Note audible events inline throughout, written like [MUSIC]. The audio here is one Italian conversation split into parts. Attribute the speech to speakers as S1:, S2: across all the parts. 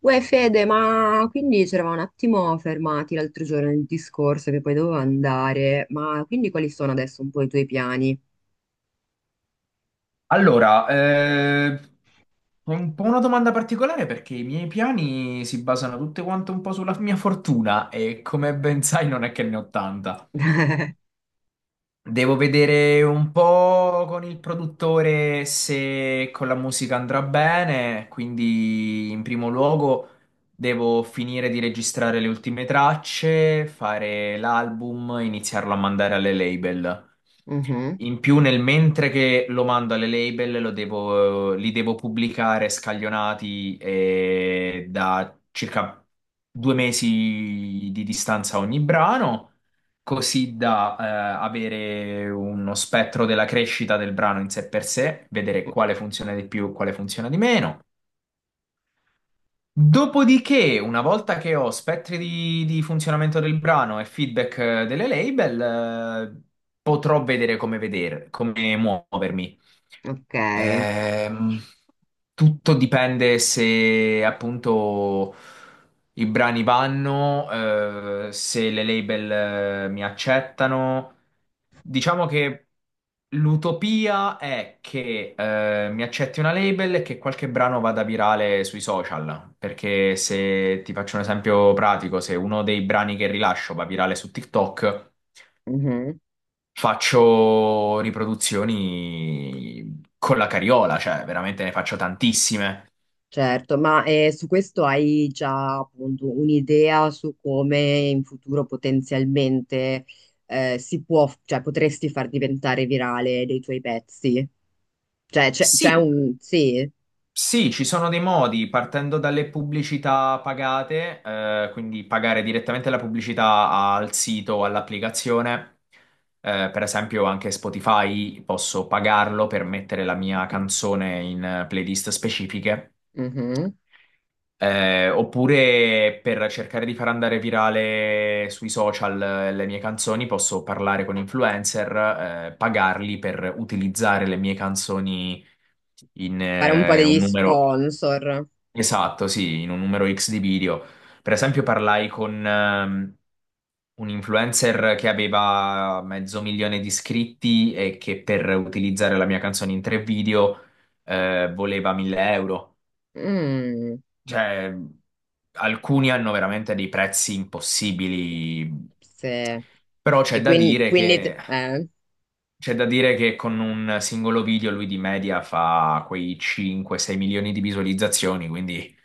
S1: Uè Fede, ma quindi ci eravamo un attimo fermati l'altro giorno nel discorso che poi dovevo andare, ma quindi quali sono adesso un po' i tuoi piani?
S2: Allora, è un po' una domanda particolare perché i miei piani si basano tutte quante un po' sulla mia fortuna e come ben sai non è che ne ho tanta. Devo vedere un po' con il produttore se con la musica andrà bene, quindi in primo luogo devo finire di registrare le ultime tracce, fare l'album, iniziarlo a mandare alle label.
S1: Mhm.
S2: In più, nel mentre che lo mando alle label, li devo pubblicare scaglionati da circa 2 mesi di distanza ogni brano così da avere uno spettro della crescita del brano in sé per sé, vedere quale funziona di più e quale funziona di meno. Dopodiché, una volta che ho spettri di funzionamento del brano e feedback delle label, eh, potrò vedere come muovermi.
S1: Ok.
S2: Ehm, Tutto dipende se appunto i brani vanno, se le label, mi accettano. Diciamo che l'utopia è che, mi accetti una label e che qualche brano vada virale sui social. Perché se ti faccio un esempio pratico, se uno dei brani che rilascio va virale su TikTok.
S1: Mhm.
S2: Faccio riproduzioni con la cariola, cioè veramente ne faccio tantissime.
S1: Certo, ma su questo hai già appunto un'idea su come in futuro potenzialmente si può, cioè potresti far diventare virale dei tuoi pezzi? Cioè c'è
S2: Sì,
S1: un sì,
S2: sì, ci sono dei modi, partendo dalle pubblicità pagate, quindi pagare direttamente la pubblicità al sito o all'applicazione. Per esempio, anche Spotify posso pagarlo per mettere la mia canzone in playlist specifiche.
S1: mhm.
S2: Oppure per cercare di far andare virale sui social le mie canzoni, posso parlare con influencer, pagarli per utilizzare le mie canzoni in
S1: Fare un po'
S2: un
S1: degli
S2: numero
S1: sponsor.
S2: esatto, sì, in un numero X di video. Per esempio, parlai con un influencer che aveva 500.000 di iscritti e che per utilizzare la mia canzone in 3 video voleva 1000 euro.
S1: Mm,
S2: Cioè, alcuni hanno veramente dei prezzi impossibili,
S1: sì.
S2: però c'è
S1: E
S2: da
S1: quindi,
S2: dire che. C'è da dire che con un singolo video lui di media fa quei 5-6 milioni di visualizzazioni, quindi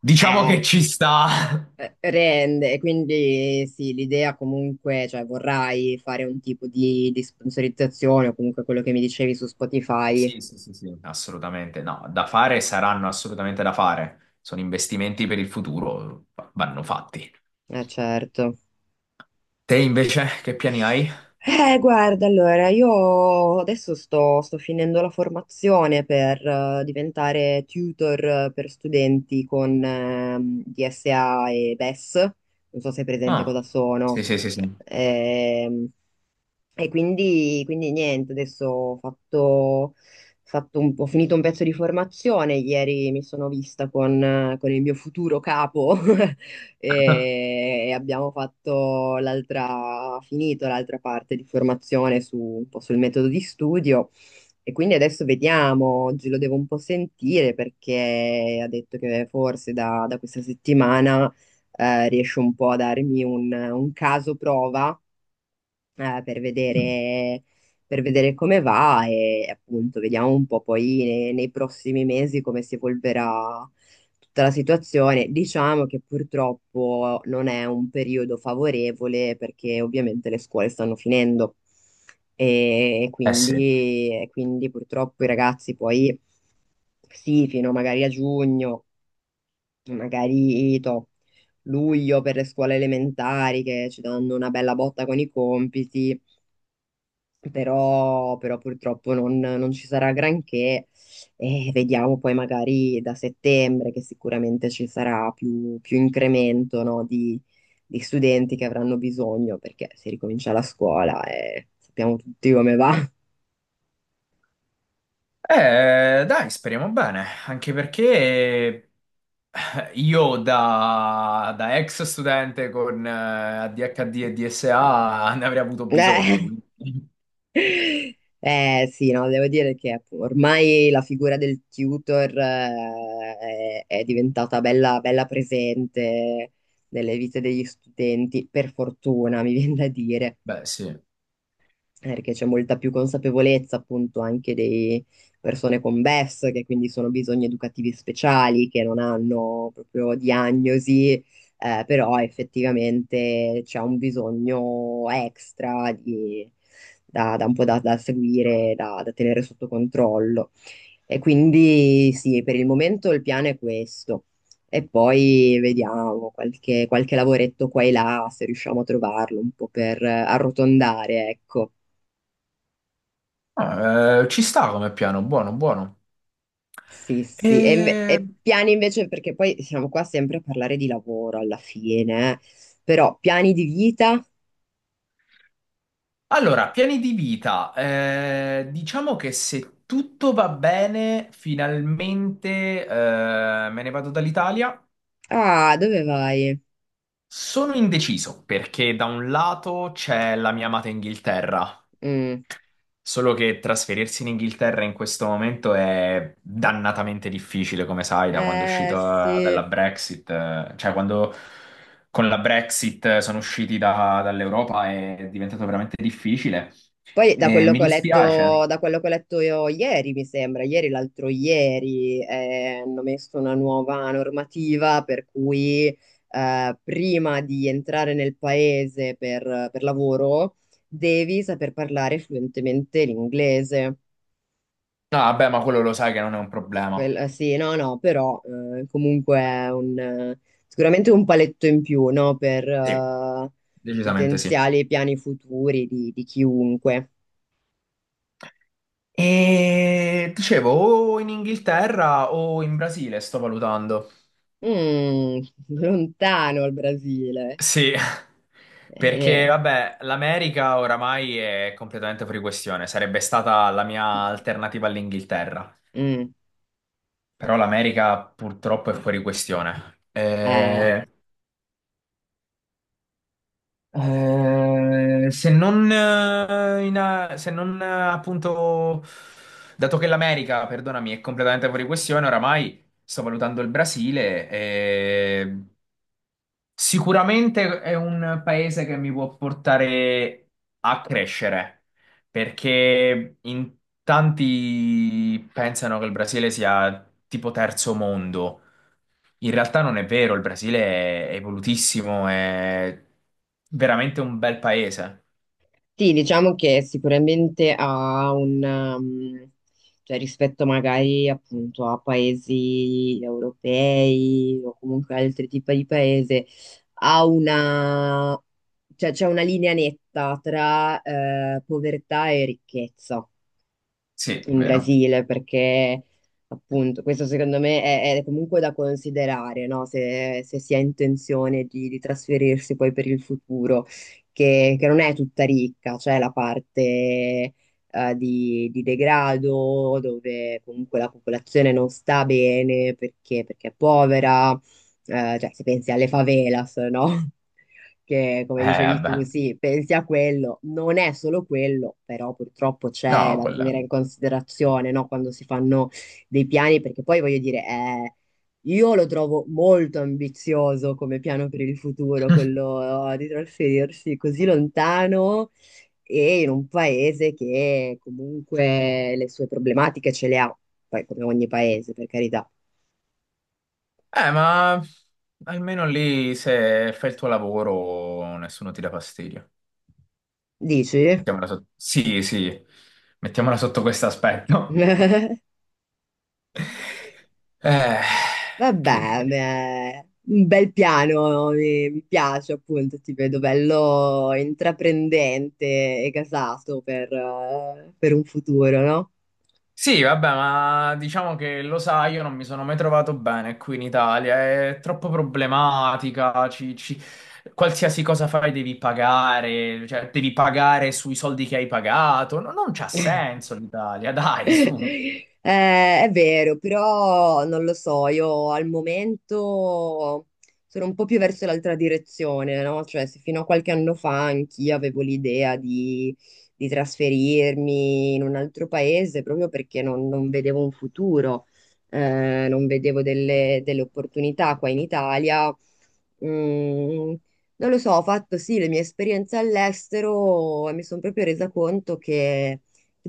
S2: diciamo
S1: eh,
S2: che ci sta.
S1: rende, e quindi sì, l'idea comunque, cioè vorrai fare un tipo di sponsorizzazione o comunque quello che mi dicevi su Spotify.
S2: Sì, sì, sì, sì. Assolutamente. No, da fare saranno assolutamente da fare. Sono investimenti per il futuro, vanno fatti.
S1: Certo.
S2: Te invece che piani hai?
S1: Guarda, allora, io adesso sto, sto finendo la formazione per diventare tutor per studenti con DSA e BES. Non so se è presente
S2: Ah,
S1: cosa
S2: sì,
S1: sono.
S2: sì, sì, sì.
S1: Ehm, E quindi, quindi niente, adesso ho ho finito un pezzo di formazione, ieri mi sono vista con il mio futuro capo [LAUGHS]
S2: [LAUGHS]
S1: e abbiamo fatto l'altra, finito l'altra parte di formazione su, un po' sul metodo di studio e quindi adesso vediamo, oggi lo devo un po' sentire perché ha detto che forse da, da questa settimana riesce un po' a darmi un caso prova eh, per vedere, per vedere come va e appunto vediamo un po' poi nei prossimi mesi come si evolverà tutta la situazione. Diciamo che purtroppo non è un periodo favorevole perché ovviamente le scuole stanno finendo
S2: Eh sì.
S1: e quindi purtroppo i ragazzi poi sì, fino magari a giugno, magari to- luglio per le scuole elementari che ci danno una bella botta con i compiti però, però purtroppo non, non ci sarà granché e vediamo poi magari da settembre che sicuramente ci sarà più, più incremento, no, di studenti che avranno bisogno perché si ricomincia la scuola e sappiamo tutti come va. [LAUGHS]
S2: Dai, speriamo bene, anche perché io da ex studente con ADHD e DSA [LAUGHS] ne avrei avuto bisogno,
S1: Eh.
S2: quindi... [LAUGHS]
S1: Sì, no, devo dire che ormai la figura del tutor è diventata bella, bella presente nelle vite degli studenti, per fortuna, mi viene da dire.
S2: Beh, sì.
S1: Eh, perché c'è molta più consapevolezza appunto anche di persone con BES, che quindi sono bisogni educativi speciali, che non hanno proprio diagnosi, però effettivamente c'è un bisogno extra da, da un po' da, da seguire, da, da tenere sotto controllo. E quindi sì, per il momento il piano è questo. E poi vediamo qualche, qualche lavoretto qua e là, se riusciamo a trovarlo un po' per arrotondare, ecco.
S2: Ah, ci sta come piano, buono, buono.
S1: Sì, sì, e,
S2: E-
S1: e piani invece, perché poi siamo qua sempre a parlare di lavoro alla fine, eh. Però piani di vita?
S2: Allora, piani di vita. Diciamo che se tutto va bene, finalmente me ne vado dall'Italia.
S1: Ah, dove vai?
S2: Sono indeciso perché da un lato c'è la mia amata Inghilterra,
S1: Mm.
S2: solo che trasferirsi in Inghilterra in questo momento è dannatamente difficile, come sai, da quando è
S1: Eh
S2: uscito dalla
S1: sì.
S2: Brexit, cioè quando con la Brexit sono usciti dall'Europa è diventato veramente difficile
S1: Poi da
S2: e
S1: quello
S2: mi
S1: che ho letto,
S2: dispiace.
S1: da quello che ho letto io ieri, mi sembra, ieri, l'altro ieri, hanno messo una nuova normativa per cui prima di entrare nel paese per lavoro devi saper parlare fluentemente l'inglese.
S2: No, vabbè, ma quello lo sai che non è un problema.
S1: Sì, no, no, però comunque è un, sicuramente un paletto in più, no, per
S2: Sì, decisamente sì.
S1: potenziali piani futuri di chiunque.
S2: E dicevo, o in Inghilterra o in Brasile, sto valutando.
S1: Mm, [LAUGHS] lontano il Brasile.
S2: Sì, [LAUGHS] perché
S1: Eh,
S2: vabbè, l'America oramai è completamente fuori questione, sarebbe stata la mia alternativa all'Inghilterra,
S1: eh, mm,
S2: però l'America purtroppo è fuori questione.
S1: eh.
S2: Se non appunto, dato che l'America, perdonami, è completamente fuori questione, oramai sto valutando il Brasile. Sicuramente è un paese che mi può portare a crescere, perché in tanti pensano che il Brasile sia tipo terzo mondo. In realtà non è vero, il Brasile è evolutissimo, è veramente un bel paese.
S1: Sì, diciamo che sicuramente ha un, cioè rispetto magari appunto a paesi europei o comunque altri tipi di paese, ha una, cioè c'è una linea netta tra povertà e ricchezza
S2: Sì,
S1: in
S2: vero.
S1: Brasile, perché appunto questo secondo me è comunque da considerare, no? Se, se si ha intenzione di trasferirsi poi per il futuro, che non è tutta ricca, c'è la parte di degrado dove comunque la popolazione non sta bene perché, perché è povera, cioè se pensi alle favelas, no? Che come
S2: Eh,
S1: dicevi tu,
S2: vabbè.
S1: sì, pensi a quello, non è solo quello, però purtroppo
S2: No,
S1: c'è da
S2: quella...
S1: tenere in considerazione, no? Quando si fanno dei piani, perché poi voglio dire, io lo trovo molto ambizioso come piano per il futuro,
S2: [LAUGHS]
S1: quello di trasferirsi così lontano e in un paese che comunque le sue problematiche ce le ha, poi come ogni paese, per carità.
S2: Ma almeno lì se fai il tuo lavoro nessuno ti dà fastidio.
S1: Dici?
S2: Mettiamola sotto. Sì, sì, mettiamola sotto questo aspetto.
S1: [LAUGHS]
S2: Eh, che
S1: Vabbè,
S2: dire.
S1: beh, un bel piano, mi piace appunto, ti vedo bello intraprendente e gasato per un futuro, no?
S2: Sì, vabbè, ma diciamo che lo sai, io non mi sono mai trovato bene qui in Italia, è troppo problematica, qualsiasi cosa fai devi pagare, cioè devi pagare sui soldi che hai pagato, non c'ha senso l'Italia, dai, su.
S1: È vero, però non lo so, io al momento sono un po' più verso l'altra direzione, no? Cioè, se fino a qualche anno fa anch'io avevo l'idea di trasferirmi in un altro paese proprio perché non, non vedevo un futuro, non vedevo delle, delle opportunità qua in Italia. Mm, non lo so, ho fatto sì le mie esperienze all'estero e mi sono proprio resa conto che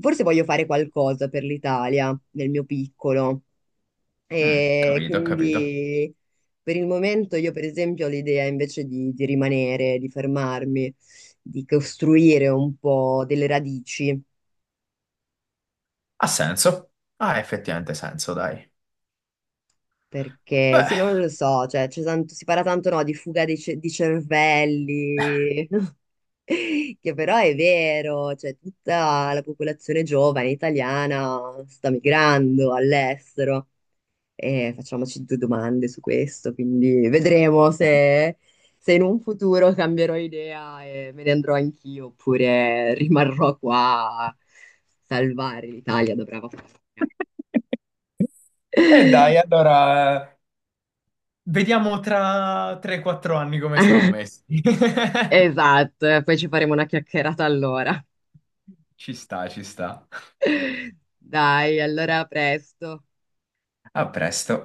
S1: forse voglio fare qualcosa per l'Italia, nel mio piccolo.
S2: Mm,
S1: E
S2: capito, capito.
S1: quindi per il momento io, per esempio, ho l'idea invece di rimanere, di fermarmi, di costruire un po' delle radici.
S2: Ha senso? Ha effettivamente senso, dai.
S1: Perché
S2: Beh.
S1: sì, non lo so, cioè, si parla tanto no, di fuga di cervelli, [LAUGHS] che però è vero, cioè, tutta la popolazione giovane italiana sta migrando all'estero. E facciamoci due domande su questo, quindi vedremo
S2: [LAUGHS]
S1: se, se in un futuro cambierò idea e me ne andrò anch'io oppure rimarrò qua a salvare l'Italia da brava fortuna.
S2: E
S1: [LAUGHS]
S2: dai, allora. Vediamo tra 3-4 anni come siamo messi. [LAUGHS]
S1: Esatto, e poi ci faremo una chiacchierata allora.
S2: Ci sta, ci sta.
S1: Dai, allora a presto.
S2: A presto.